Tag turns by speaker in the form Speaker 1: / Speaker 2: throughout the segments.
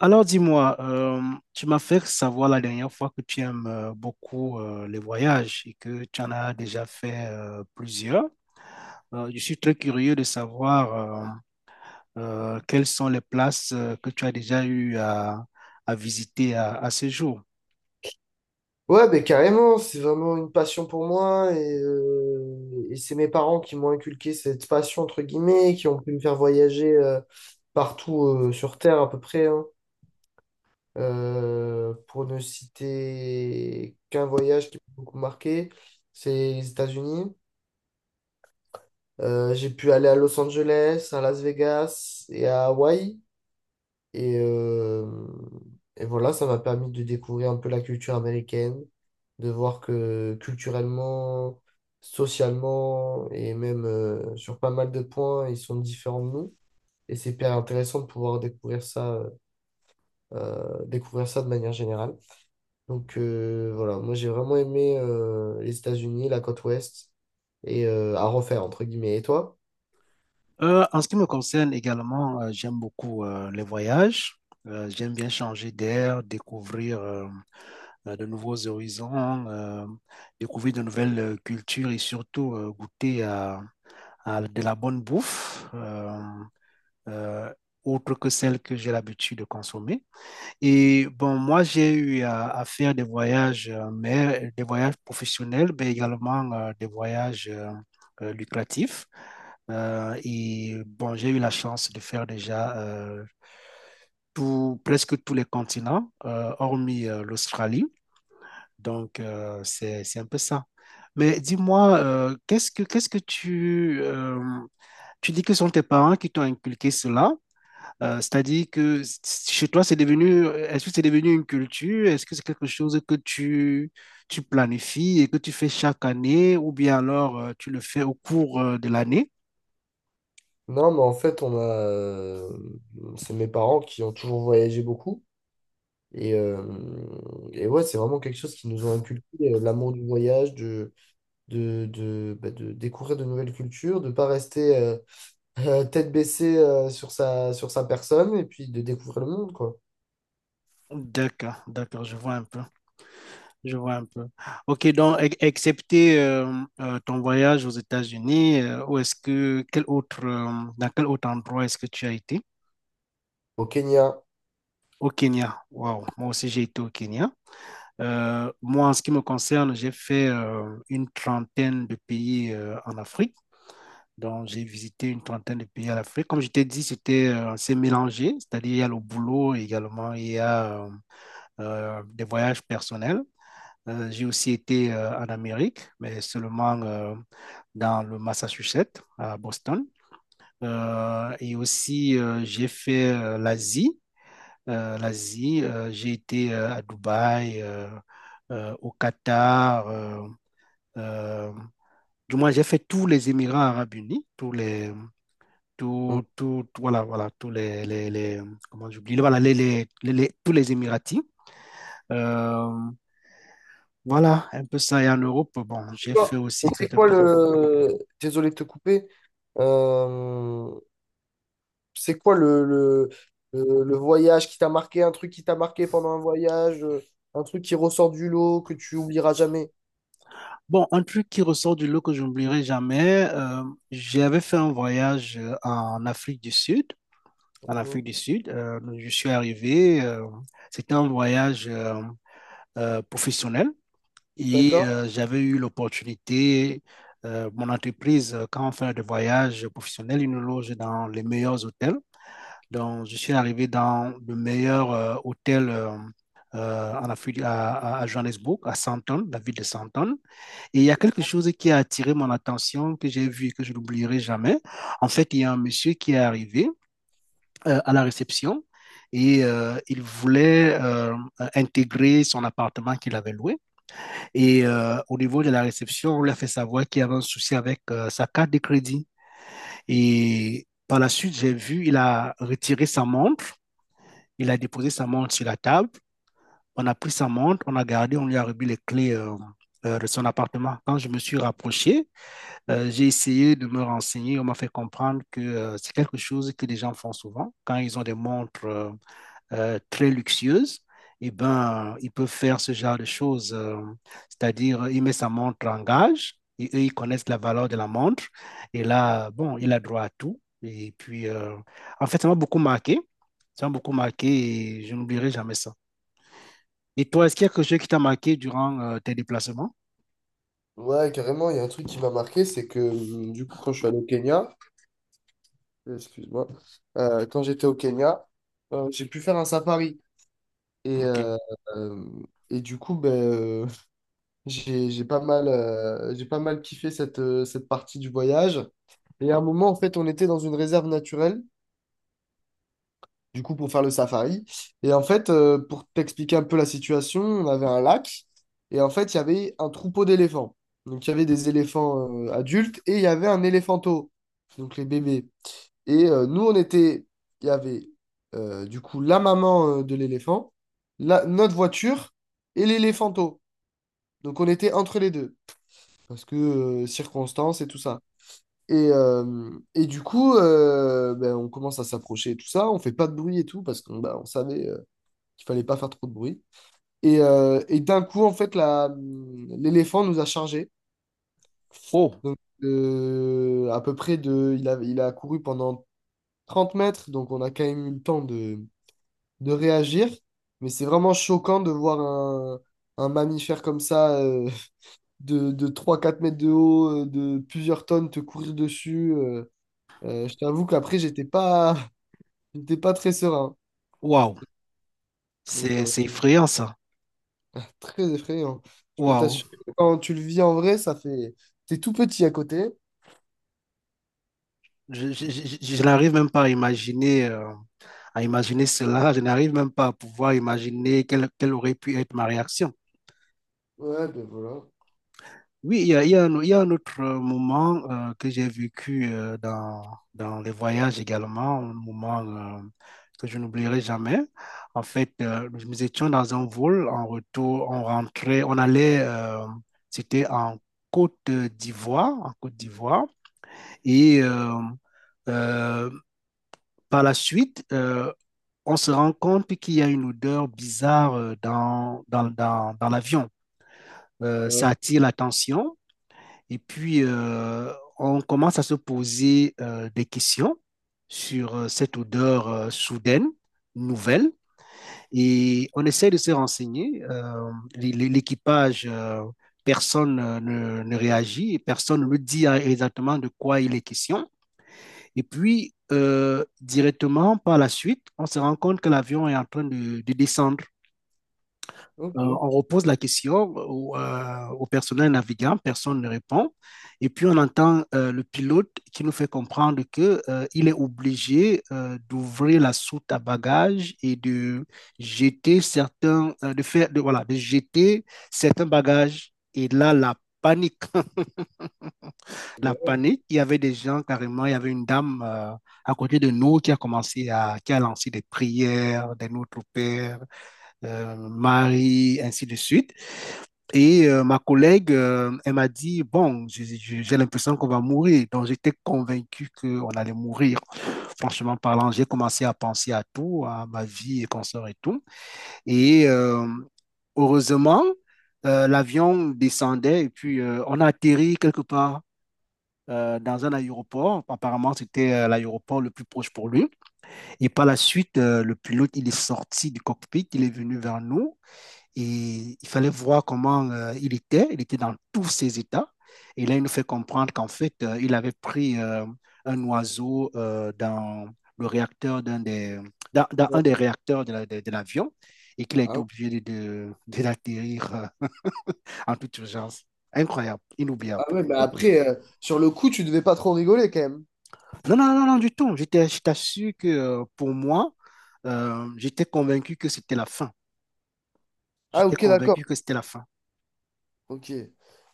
Speaker 1: Alors dis-moi, tu m'as fait savoir la dernière fois que tu aimes beaucoup les voyages et que tu en as déjà fait plusieurs. Je suis très curieux de savoir euh, quelles sont les places que tu as déjà eu à visiter à ce jour.
Speaker 2: Ouais, ben carrément, c'est vraiment une passion pour moi et c'est mes parents qui m'ont inculqué cette passion, entre guillemets, qui ont pu me faire voyager partout sur Terre à peu près, hein. Pour ne citer qu'un voyage qui m'a beaucoup marqué, c'est les États-Unis. J'ai pu aller à Los Angeles, à Las Vegas et à Hawaï. Et, euh, et voilà, ça m'a permis de découvrir un peu la culture américaine, de voir que culturellement, socialement et même sur pas mal de points, ils sont différents de nous. Et c'est hyper intéressant de pouvoir découvrir ça de manière générale. Donc voilà, moi j'ai vraiment aimé les États-Unis, la côte ouest, et à refaire, entre guillemets. Et toi?
Speaker 1: En ce qui me concerne également, j'aime beaucoup les voyages. J'aime bien changer d'air, découvrir de nouveaux horizons, découvrir de nouvelles cultures et surtout goûter de la bonne bouffe euh, autre que celle que j'ai l'habitude de consommer. Et bon, moi, j'ai eu faire des voyages, mais des voyages professionnels, mais également des voyages lucratifs. Et bon, j'ai eu la chance de faire déjà presque tous les continents, hormis l'Australie. Donc, c'est un peu ça. Mais dis-moi, qu'est-ce que tu, tu dis que sont tes parents qui t'ont inculqué cela? C'est-à-dire que chez toi, c'est devenu, est-ce que c'est devenu une culture? Est-ce que c'est quelque chose que tu planifies et que tu fais chaque année ou bien alors tu le fais au cours de l'année?
Speaker 2: Non, mais en fait, c'est mes parents qui ont toujours voyagé beaucoup. Et, euh, et ouais, c'est vraiment quelque chose qui nous ont inculqué, l'amour du voyage, de découvrir de nouvelles cultures, de ne pas rester tête baissée sur sa personne et puis de découvrir le monde, quoi.
Speaker 1: D'accord, d'accord, je vois un peu. Je vois un peu. Ok, donc, excepté ton voyage aux États-Unis, où est-ce que, quel autre, dans quel autre endroit est-ce que tu as été?
Speaker 2: Au Kenya.
Speaker 1: Au Kenya. Waouh, moi aussi j'ai été au Kenya. Moi, en ce qui me concerne, j'ai fait une trentaine de pays en Afrique. Donc, j'ai visité une trentaine de pays en Afrique. Comme je t'ai dit, c'était assez mélangé, c'est-à-dire il y a le boulot également, il y a des voyages personnels. J'ai aussi été en Amérique, mais seulement dans le Massachusetts, à Boston. Et aussi, j'ai fait l'Asie. L'Asie, j'ai été à Dubaï, au Qatar. Euh, du moins, j'ai fait tous les Émirats arabes unis,
Speaker 2: On-
Speaker 1: voilà, tous les- comment j'oublie, tous les Émiratis. Euh, Voilà, un peu ça. Et en Europe, bon, j'ai fait
Speaker 2: Et
Speaker 1: aussi
Speaker 2: c'est
Speaker 1: certains
Speaker 2: quoi
Speaker 1: pays.
Speaker 2: le... Désolé de te couper. Euh, c'est quoi le voyage qui t'a marqué, un truc qui t'a marqué pendant un voyage, un truc qui ressort du lot, que tu oublieras jamais.
Speaker 1: Bon, un truc qui ressort du lot que je n'oublierai jamais, j'avais fait un voyage en Afrique du Sud. En Afrique
Speaker 2: Mhm.
Speaker 1: du Sud, je suis arrivé. C'était un voyage professionnel et
Speaker 2: D'accord?
Speaker 1: j'avais eu l'opportunité. Mon entreprise, quand on fait des voyages professionnels, ils nous loge dans les meilleurs hôtels. Donc, je suis arrivé dans le meilleur hôtel en Afrique, à Johannesburg, à Sandton, la ville de Sandton. Et il y a quelque chose qui a attiré mon attention, que j'ai vu et que je n'oublierai jamais. En fait, il y a un monsieur qui est arrivé à la réception et il voulait intégrer son appartement qu'il avait loué. Et au niveau de la réception, on lui a fait savoir qu'il y avait un souci avec sa carte de crédit. Et par la suite, j'ai vu, il a retiré sa montre. Il a déposé sa montre sur la table. On a pris sa montre, on a gardé, on lui a remis les clés de son appartement. Quand je me suis rapproché, j'ai essayé de me renseigner. On m'a fait comprendre que c'est quelque chose que les gens font souvent. Quand ils ont des montres très luxueuse, eh ben, ils peuvent faire ce genre de choses. C'est-à-dire, il met sa montre en gage et eux, ils connaissent la valeur de la montre. Et là, bon, il a droit à tout. Et puis, en fait, ça m'a beaucoup marqué. Ça m'a beaucoup marqué et je n'oublierai jamais ça. Et toi, est-ce qu'il y a quelque chose qui t'a marqué durant tes déplacements?
Speaker 2: Ouais, carrément, il y a un truc qui m'a marqué, c'est que du coup, quand je suis allé au Kenya, excuse-moi, quand j'étais au Kenya, j'ai pu faire un safari. Et,
Speaker 1: Ok.
Speaker 2: euh, euh, et du coup, j'ai pas mal kiffé cette partie du voyage. Et à un moment, en fait, on était dans une réserve naturelle, du coup, pour faire le safari. Et en fait, pour t'expliquer un peu la situation, on avait un lac. Et en fait, il y avait un troupeau d'éléphants. Donc, il y avait des éléphants, adultes et il y avait un éléphanto, donc les bébés. Et nous, il y avait du coup la maman de l'éléphant, notre voiture et l'éléphanto. Donc on était entre les deux, parce que circonstances et tout ça. Et du coup, ben, on commence à s'approcher et tout ça, on fait pas de bruit et tout, parce qu'on bah, on savait qu'il fallait pas faire trop de bruit. Et d'un coup, en fait, l'éléphant nous a chargés.
Speaker 1: Oh,
Speaker 2: Donc à peu près de... Il a couru pendant 30 mètres, donc on a quand même eu le temps de réagir, mais c'est vraiment choquant de voir un mammifère comme ça, de trois quatre mètres de haut, de plusieurs tonnes, te courir dessus. Je t'avoue qu'après, j'étais pas, j'étais pas très serein.
Speaker 1: waouh,
Speaker 2: Donc voilà,
Speaker 1: c'est effrayant ça.
Speaker 2: très effrayant. Je peux
Speaker 1: Waouh,
Speaker 2: t'assurer que quand tu le vis en vrai, ça fait... T'es tout petit à côté.
Speaker 1: je n'arrive même pas à imaginer. À imaginer cela, je n'arrive même pas à pouvoir imaginer quelle aurait pu être ma réaction.
Speaker 2: Ouais, ben voilà.
Speaker 1: Oui, il y a un, il y a un autre moment que j'ai vécu dans les voyages également, un moment que je n'oublierai jamais. En fait, nous étions dans un vol en retour, on rentrait, on allait, c'était en Côte d'Ivoire, et euh, par la suite, on se rend compte qu'il y a une odeur bizarre dans l'avion. Ça
Speaker 2: Ouais,
Speaker 1: attire l'attention et puis on commence à se poser des questions sur cette odeur soudaine, nouvelle, et on essaie de se renseigner. L'équipage, personne ne réagit, personne ne nous dit exactement de quoi il est question. Et puis, directement par la suite, on se rend compte que l'avion est en train de descendre.
Speaker 2: ok. Eh
Speaker 1: On repose la question au, au personnel navigant, personne ne répond. Et puis on entend le pilote qui nous fait comprendre que, il est obligé d'ouvrir la soute à bagages et de jeter certains, voilà, de jeter certains bagages. Et là, la panique, la
Speaker 2: ben ouais.
Speaker 1: panique. Il y avait des gens carrément, il y avait une dame à côté de nous qui a commencé à, qui a lancé des prières, des Notre Père, Marie, ainsi de suite. Et ma collègue, elle m'a dit, bon, j'ai l'impression qu'on va mourir. Donc, j'étais convaincu qu'on allait mourir. Franchement parlant, j'ai commencé à penser à tout, à ma vie et consort et tout. Et heureusement, l'avion descendait et puis on a atterri quelque part dans un aéroport. Apparemment, c'était l'aéroport le plus proche pour lui. Et par la suite, le pilote, il est sorti du cockpit, il est venu vers nous. Et il fallait voir comment il était. Il était dans tous ses états. Et là, il nous fait comprendre qu'en fait, il avait pris un oiseau dans le réacteur d'un des, dans un des réacteurs de l'avion et qu'il a été
Speaker 2: Ah,
Speaker 1: obligé de l'atterrir en toute urgence. Incroyable, inoubliable.
Speaker 2: ah ouais, mais après, sur le coup, tu devais pas trop rigoler quand même.
Speaker 1: Non, non, non, non, du tout. J'étais, je t'assure que pour moi, j'étais convaincu que c'était la fin.
Speaker 2: Ah
Speaker 1: J'étais
Speaker 2: ok, d'accord.
Speaker 1: convaincu que c'était la fin.
Speaker 2: Ok.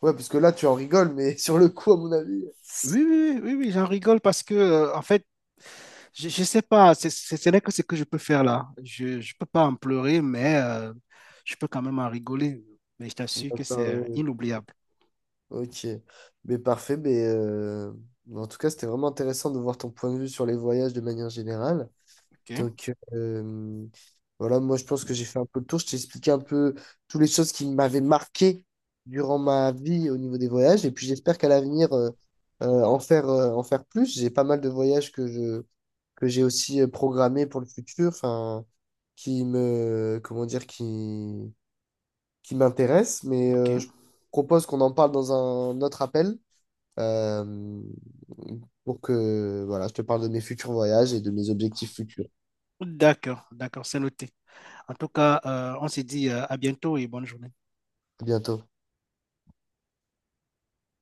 Speaker 2: Ouais, parce que là, tu en rigoles, mais sur le coup, à mon avis.
Speaker 1: Oui, oui, oui, oui, oui, j'en rigole parce que, en fait, je ne sais pas, ce n'est que ce que je peux faire là. Je ne peux pas en pleurer, mais je peux quand même en rigoler. Mais je t'assure que c'est
Speaker 2: euh,
Speaker 1: inoubliable.
Speaker 2: Ok. Mais parfait. Mais en tout cas, c'était vraiment intéressant de voir ton point de vue sur les voyages de manière générale.
Speaker 1: OK?
Speaker 2: Donc, voilà, moi, je pense que j'ai fait un peu le tour. Je t'ai expliqué un peu toutes les choses qui m'avaient marqué durant ma vie au niveau des voyages. Et puis, j'espère qu'à l'avenir, en faire plus. J'ai pas mal de voyages que j'ai aussi programmé pour le futur, enfin, qui me, comment dire, qui m'intéresse, mais
Speaker 1: OK?
Speaker 2: euh, je propose qu'on en parle dans un autre appel euh, pour que, voilà, je te parle de mes futurs voyages et de mes objectifs futurs.
Speaker 1: D'accord, d'accord, c'est noté. En tout cas, on se dit à bientôt et bonne journée.
Speaker 2: À bientôt.